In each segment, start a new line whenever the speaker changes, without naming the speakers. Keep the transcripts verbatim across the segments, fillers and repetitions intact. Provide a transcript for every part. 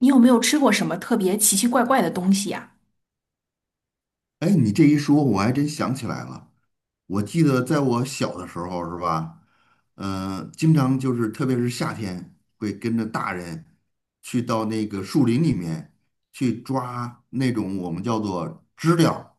你有没有吃过什么特别奇奇怪怪的东西呀？
哎，你这一说，我还真想起来了。我记得在我小的时候，是吧？嗯、呃经常就是，特别是夏天，会跟着大人去到那个树林里面去抓那种我们叫做知了。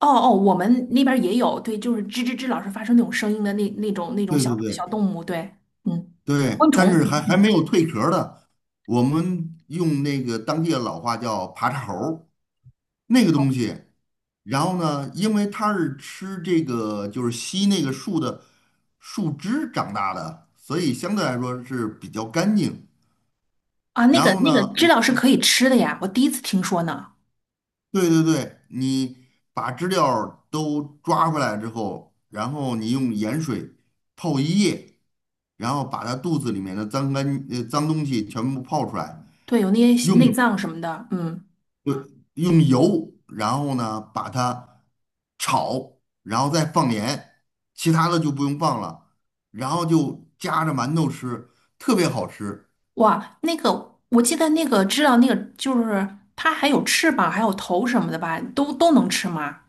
哦哦，我们那边儿也有，对，就是吱吱吱老是发生那种声音的那那种那种
对
小
对
小
对
动物，对。嗯，
对，
昆虫，
但是还
嗯
还没
嗯。
有蜕壳儿的，我们用那个当地的老话叫爬叉猴儿那个东西，然后呢，因为它是吃这个就是吸那个树的树枝长大的，所以相对来说是比较干净。
啊，那
然
个
后呢，
那个知了是
我
可以吃的呀，我第一次听说呢。
对对对，你把知了都抓回来之后，然后你用盐水泡一夜，然后把它肚子里面的脏干呃脏东西全部泡出来，
对，有那些内
用
脏什么的，嗯。
对，用油，然后呢把它炒，然后再放盐，其他的就不用放了，然后就夹着馒头吃，特别好吃。
哇，那个我记得那个知了，那个就是它还有翅膀，还有头什么的吧，都都能吃吗？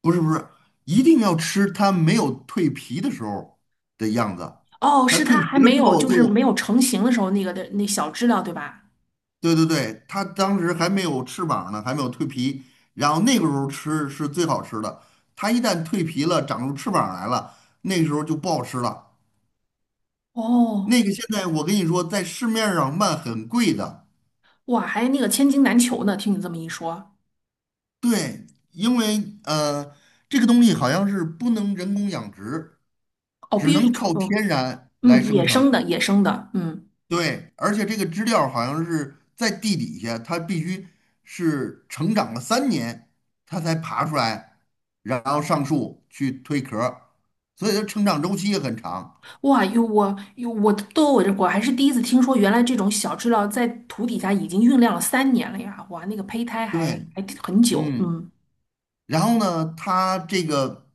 不是不是，一定要吃它没有蜕皮的时候的样子，
哦，
它
是
蜕
它
皮
还
了
没
之
有
后
就是没
就，
有成型的时候那个的那小知了对吧？
对对对，它当时还没有翅膀呢，还没有蜕皮，然后那个时候吃是最好吃的。它一旦蜕皮了，长出翅膀来了，那个时候就不好吃了。那
哦。
个现在我跟你说，在市面上卖很贵的，
哇，还那个千金难求呢。听你这么一说。
对，因为呃，这个东西好像是不能人工养殖，
哦，
只
必须是
能
纯，
靠天然来
嗯。嗯，
生
野生
成。
的，野生的，嗯。
对，而且这个知了好像是在地底下，它必须是成长了三年，它才爬出来，然后上树去蜕壳儿，所以它成长周期也很长。
哇，哟，我哟，我都我这我还是第一次听说，原来这种小知了在土底下已经酝酿了三年了呀！哇，那个胚胎还
对，
还挺很久，
嗯，
嗯。
然后呢，它这个。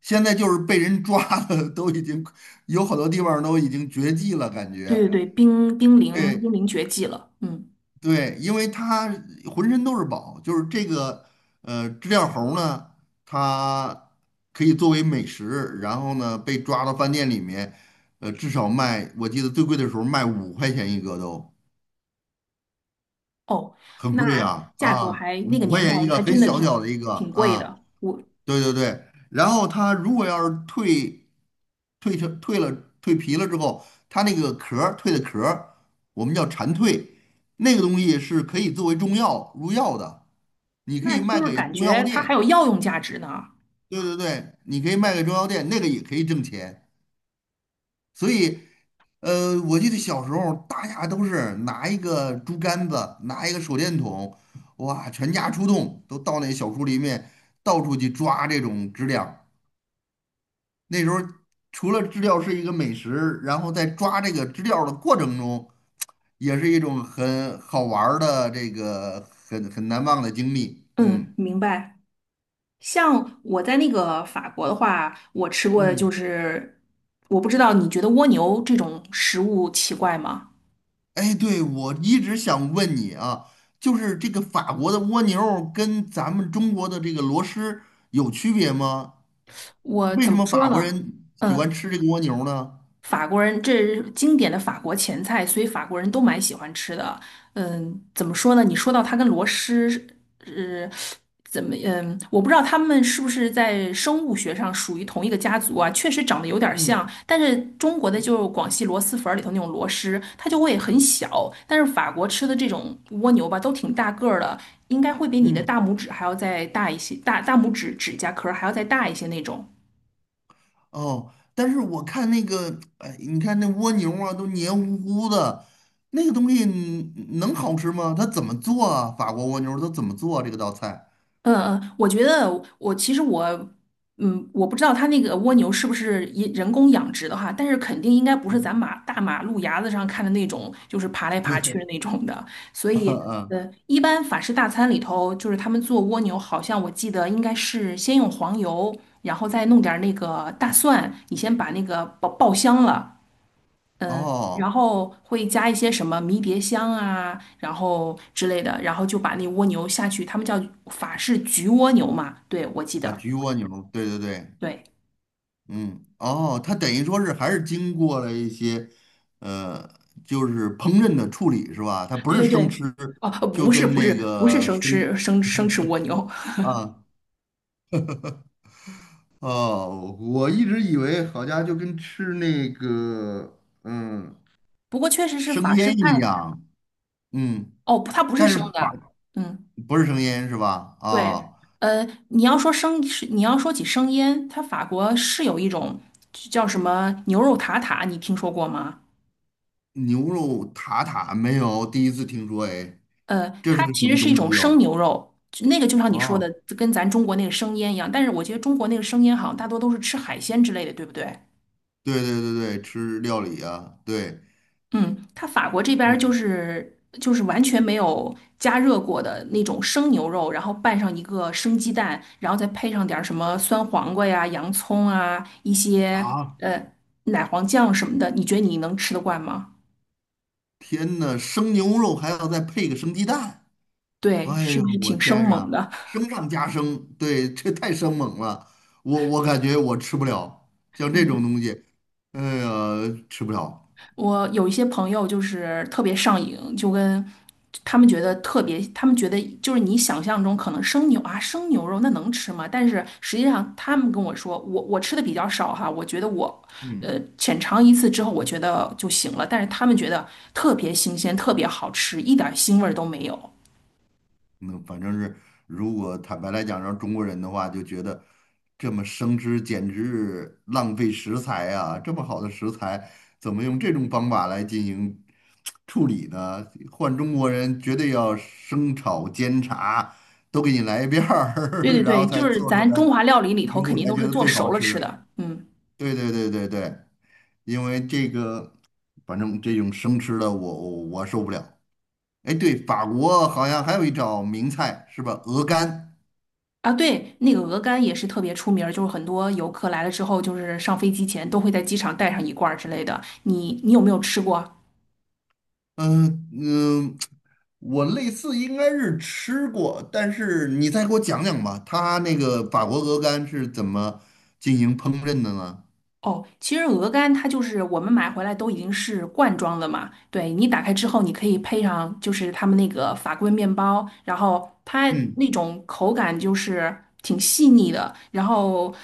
现在就是被人抓了，都已经有好多地方都已经绝迹了，感
对
觉。
对对，濒濒临
哎，
濒临绝迹了，嗯。
对，因为它浑身都是宝，就是这个呃知了猴呢，它可以作为美食，然后呢被抓到饭店里面，呃至少卖，我记得最贵的时候卖五块钱一个都
哦，
很
那
贵啊
价格
啊，
还
五
那个
块
年
钱
代
一个，
还
很
真的
小小的
挺
一个
挺贵
啊。
的，我。
对对对，然后它如果要是蜕蜕成蜕了蜕皮了之后，它那个壳儿蜕的壳儿，我们叫蝉蜕，那个东西是可以作为中药入药的，你可
那
以
就
卖
是
给
感
中药
觉它还
店。
有药用价值呢，
对对对，你可以卖给中药店，那个也可以挣钱。所以，呃，我记得小时候大家都是拿一个竹竿子，拿一个手电筒，哇，全家出动，都到那小树林里面到处去抓这种知了。那时候除了知了是一个美食，然后在抓这个知了的过程中，也是一种很好玩儿的这个很很难忘的经历。
嗯，
嗯
明白。像我在那个法国的话，我吃过的就
嗯，
是，我不知道你觉得蜗牛这种食物奇怪吗？
哎，对，我一直想问你啊，就是这个法国的蜗牛儿跟咱们中国的这个螺蛳有区别吗？
我
为
怎
什
么
么
说
法国
呢？
人喜欢
嗯，
吃这个蜗牛呢？
法国人这是经典的法国前菜，所以法国人都蛮喜欢吃的。嗯，怎么说呢？你说到它跟螺蛳，是。呃怎么，嗯，我不知道他们是不是在生物学上属于同一个家族啊？确实长得有点
嗯
像，但是中国的就是广西螺蛳粉儿里头那种螺蛳，它就会很小，但是法国吃的这种蜗牛吧，都挺大个儿的，应该会比你的
嗯。
大拇指还要再大一些，大大拇指指甲壳儿还要再大一些那种。
哦，但是我看那个，哎，你看那蜗牛啊，都黏糊糊的，那个东西嗯能好吃吗？它怎么做啊？法国蜗牛它怎么做啊这个道菜？
嗯嗯，我觉得我其实我，嗯，我不知道它那个蜗牛是不是也人工养殖的哈，但是肯定应该不是
嗯
咱马大马路牙子上看的那种，就是爬来
对，
爬去 的那种的。所
嗯
以，
嗯，
呃，一般法式大餐里头，就是他们做蜗牛，好像我记得应该是先用黄油，然后再弄点儿那个大蒜，你先把那个爆爆香了，嗯，然
哦，
后会加一些什么迷迭香啊，然后之类的，然后就把那蜗牛下去，他们叫法式焗蜗牛嘛，对，我记
啊，
得，
焗蜗牛，对对对，
对，
嗯，哦，它等于说是还是经过了一些，呃，就是烹饪的处理是吧？它不
对
是
对
生吃，
对。哦，
就
不是
跟
不是
那
不是
个
生
生
吃生生吃蜗牛。
啊。哦，我一直以为好家伙就跟吃那个嗯
不过确实是
生
法式
腌一
菜。
样，嗯，
哦，它不是
但是
生
把
的，嗯，
不是生腌是吧？
对。
啊、
呃，你要说生是你要说起生腌，它法国是有一种叫什么牛肉塔塔，你听说过吗？
牛肉塔塔没有，第一次听说，哎，
呃，
这
它
是个什
其实
么
是一
东西
种生
哟、
牛肉，就那个就像你说的，
哦？
跟咱中国那个生腌一样。但是我觉得中国那个生腌好像大多都是吃海鲜之类的，对不对？
对对对对，吃料理啊，对，
嗯，它法国这边儿就
嗯
是就是完全没有加热过的那种生牛肉，然后拌上一个生鸡蛋，然后再配上点儿什么酸黄瓜呀、洋葱啊、一些
啊，
呃奶黄酱什么的，你觉得你能吃得惯吗？
天呐，生牛肉还要再配个生鸡蛋。
对，
哎
是
呦，
不是
我
挺生
天
猛
呀，
的？
升上加升，对，这太生猛了，我我感觉我吃不了，像 这种
嗯。
东西，哎呀，吃不了。
我有一些朋友就是特别上瘾，就跟他们觉得特别，他们觉得就是你想象中可能生牛啊，生牛肉那能吃吗？但是实际上他们跟我说，我我吃的比较少哈，我觉得我
嗯。
呃浅尝一次之后，我觉得就行了。但是他们觉得特别新鲜，特别好吃，一点腥味儿都没有。
那反正是，如果坦白来讲，让中国人的话，就觉得这么生吃简直浪费食材啊！这么好的食材，怎么用这种方法来进行处理呢？换中国人绝对要生炒煎炸都给你来一遍
对
儿，
对
然后
对，
才
就是
做出
咱
来
中华料理里
食
头肯
物
定
才
都
觉
是
得
做
最
熟
好
了吃
吃。
的，嗯。
对对对对对，因为这个，反正这种生吃的我我我受不了。哎，对，法国好像还有一道名菜是吧？鹅肝。
啊，对，那个鹅肝也是特别出名儿就是很多游客来了之后，就是上飞机前都会在机场带上一罐儿之类的。你你有没有吃过？
嗯嗯，我类似应该是吃过，但是你再给我讲讲吧，它那个法国鹅肝是怎么进行烹饪的呢？
哦，其实鹅肝它就是我们买回来都已经是罐装的嘛，对，你打开之后，你可以配上就是他们那个法棍面包，然后它
嗯，
那种口感就是挺细腻的，然后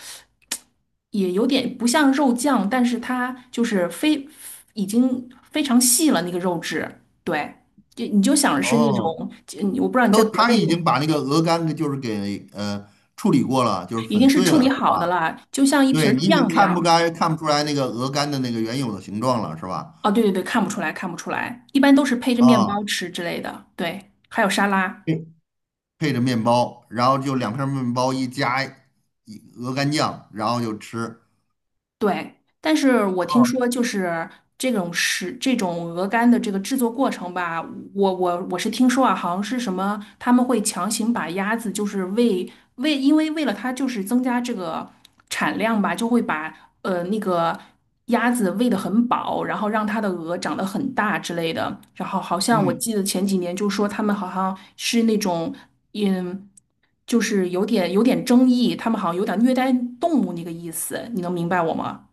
也有点不像肉酱，但是它就是非已经非常细了那个肉质，对，就你就想是那
哦，
种，就我不知道你在
都
国内
他已经把那个鹅肝给就是给呃处理过了，就是
已经
粉
是
碎
处理
了，是
好的
吧？
了，就像一瓶
对，
儿
你已经
酱一
看不
样。
该看不出来那个鹅肝的那个原有的形状了，是吧？
哦，对对对，看不出来，看不出来，一般都是配着面包
啊，
吃之类的。对，还有沙拉。
配着面包，然后就两片面包一加一鹅肝酱，然后就吃。
对，但是我听
哦，
说就是这种食这种鹅肝的这个制作过程吧，我我我是听说啊，好像是什么他们会强行把鸭子就是喂喂，因为为了它就是增加这个产量吧，就会把呃那个鸭子喂得很饱，然后让它的鹅长得很大之类的。然后好像我
嗯，
记得前几年就说他们好像是那种。嗯，就是有点有点争议，他们好像有点虐待动物那个意思，你能明白我吗？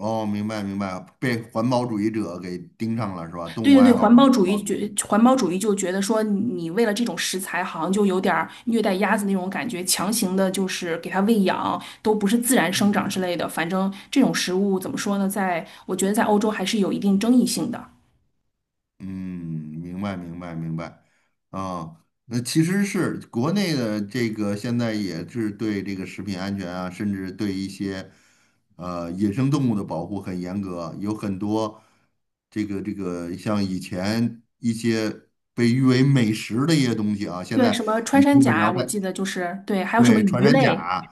哦，明白明白，被环保主义者给盯上了是吧？动
对
物
对对，
爱好
环
者，
保
环
主
保
义
主义者。
觉环保主义就觉得说你为了这种食材，好像就有点儿虐待鸭子那种感觉，强行的就是给它喂养，都不是自然生长
嗯。
之类的。反正这种食物怎么说呢，在我觉得在欧洲还是有一定争议性的。
嗯，明白明白明白，啊，那其实是国内的这个现在也是对这个食品安全啊，甚至对一些呃野生动物的保护很严格，有很多这个这个像以前一些被誉为美食的一些东西啊，现
对，什
在
么穿
你
山
基
甲
本
啊，
上
我
在
记得就是对，还有什么
对，穿
鱼
山
类，
甲、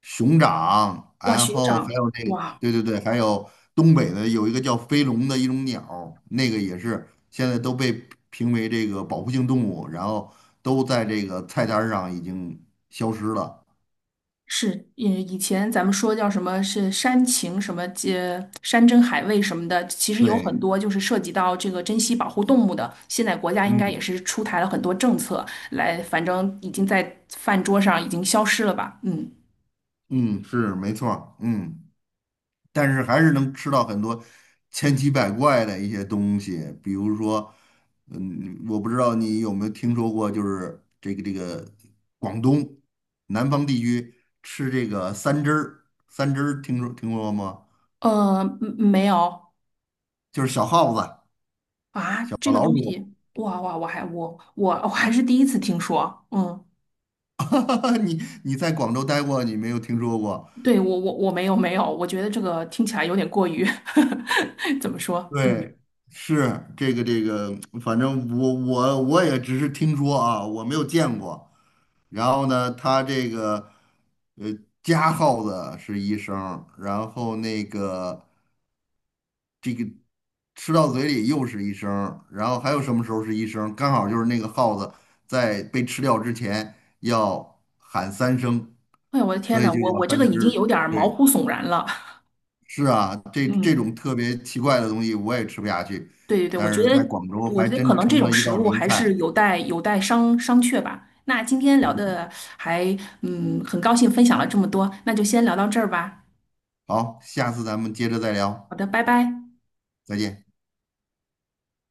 熊掌，
哇，
然
熊
后还
掌，
有那个
哇。
对对对，还有东北的有一个叫飞龙的一种鸟那个也是现在都被评为这个保护性动物，然后都在这个菜单儿上已经消失了。
是，以以前咱们说叫什么是山情什么，呃，山珍海味什么的，其实有很
对，
多就是涉及到这个珍稀保护动物的。现在国家应该也
嗯
是出台了很多政策来，反正已经在饭桌上已经消失了吧？嗯。
嗯，是没错儿嗯。但是还是能吃到很多千奇百怪的一些东西，比如说，嗯，我不知道你有没有听说过，就是这个这个广东南方地区吃这个三汁儿，三汁儿听说听说过吗？
呃，嗯，没有。
就是小耗子、
啊，
小
这个
老
东
鼠，
西，哇哇，我还我我我还是第一次听说。嗯，
你你在广州待过，你没有听说过？
对，我我我没有没有，我觉得这个听起来有点过于 怎么说？嗯，
对，是这个这个，反正我我我也只是听说啊，我没有见过。然后呢，他这个呃加号子是一声儿然后那个吃到嘴里又是一声儿然后还有什么时候是一声儿刚好就是那个耗子在被吃掉之前要喊三声，
哎呀，我的天
所
呐，
以就
我
叫
我这
三
个已经有
只。
点儿毛
对，
骨悚然了。
是啊，这这
嗯，
种特别奇怪的东西我也吃不下去，
对对对，我觉
但是
得，
在广州
我
还
觉得可
真
能这
成
种
了一
食
道
物
名
还是
菜。
有待有待商商榷吧。那今天聊
嗯，
的还，嗯，很高兴分享了这么多，那就先聊到这儿吧。
好，下次咱们接着再聊，
好的，拜拜。
再见。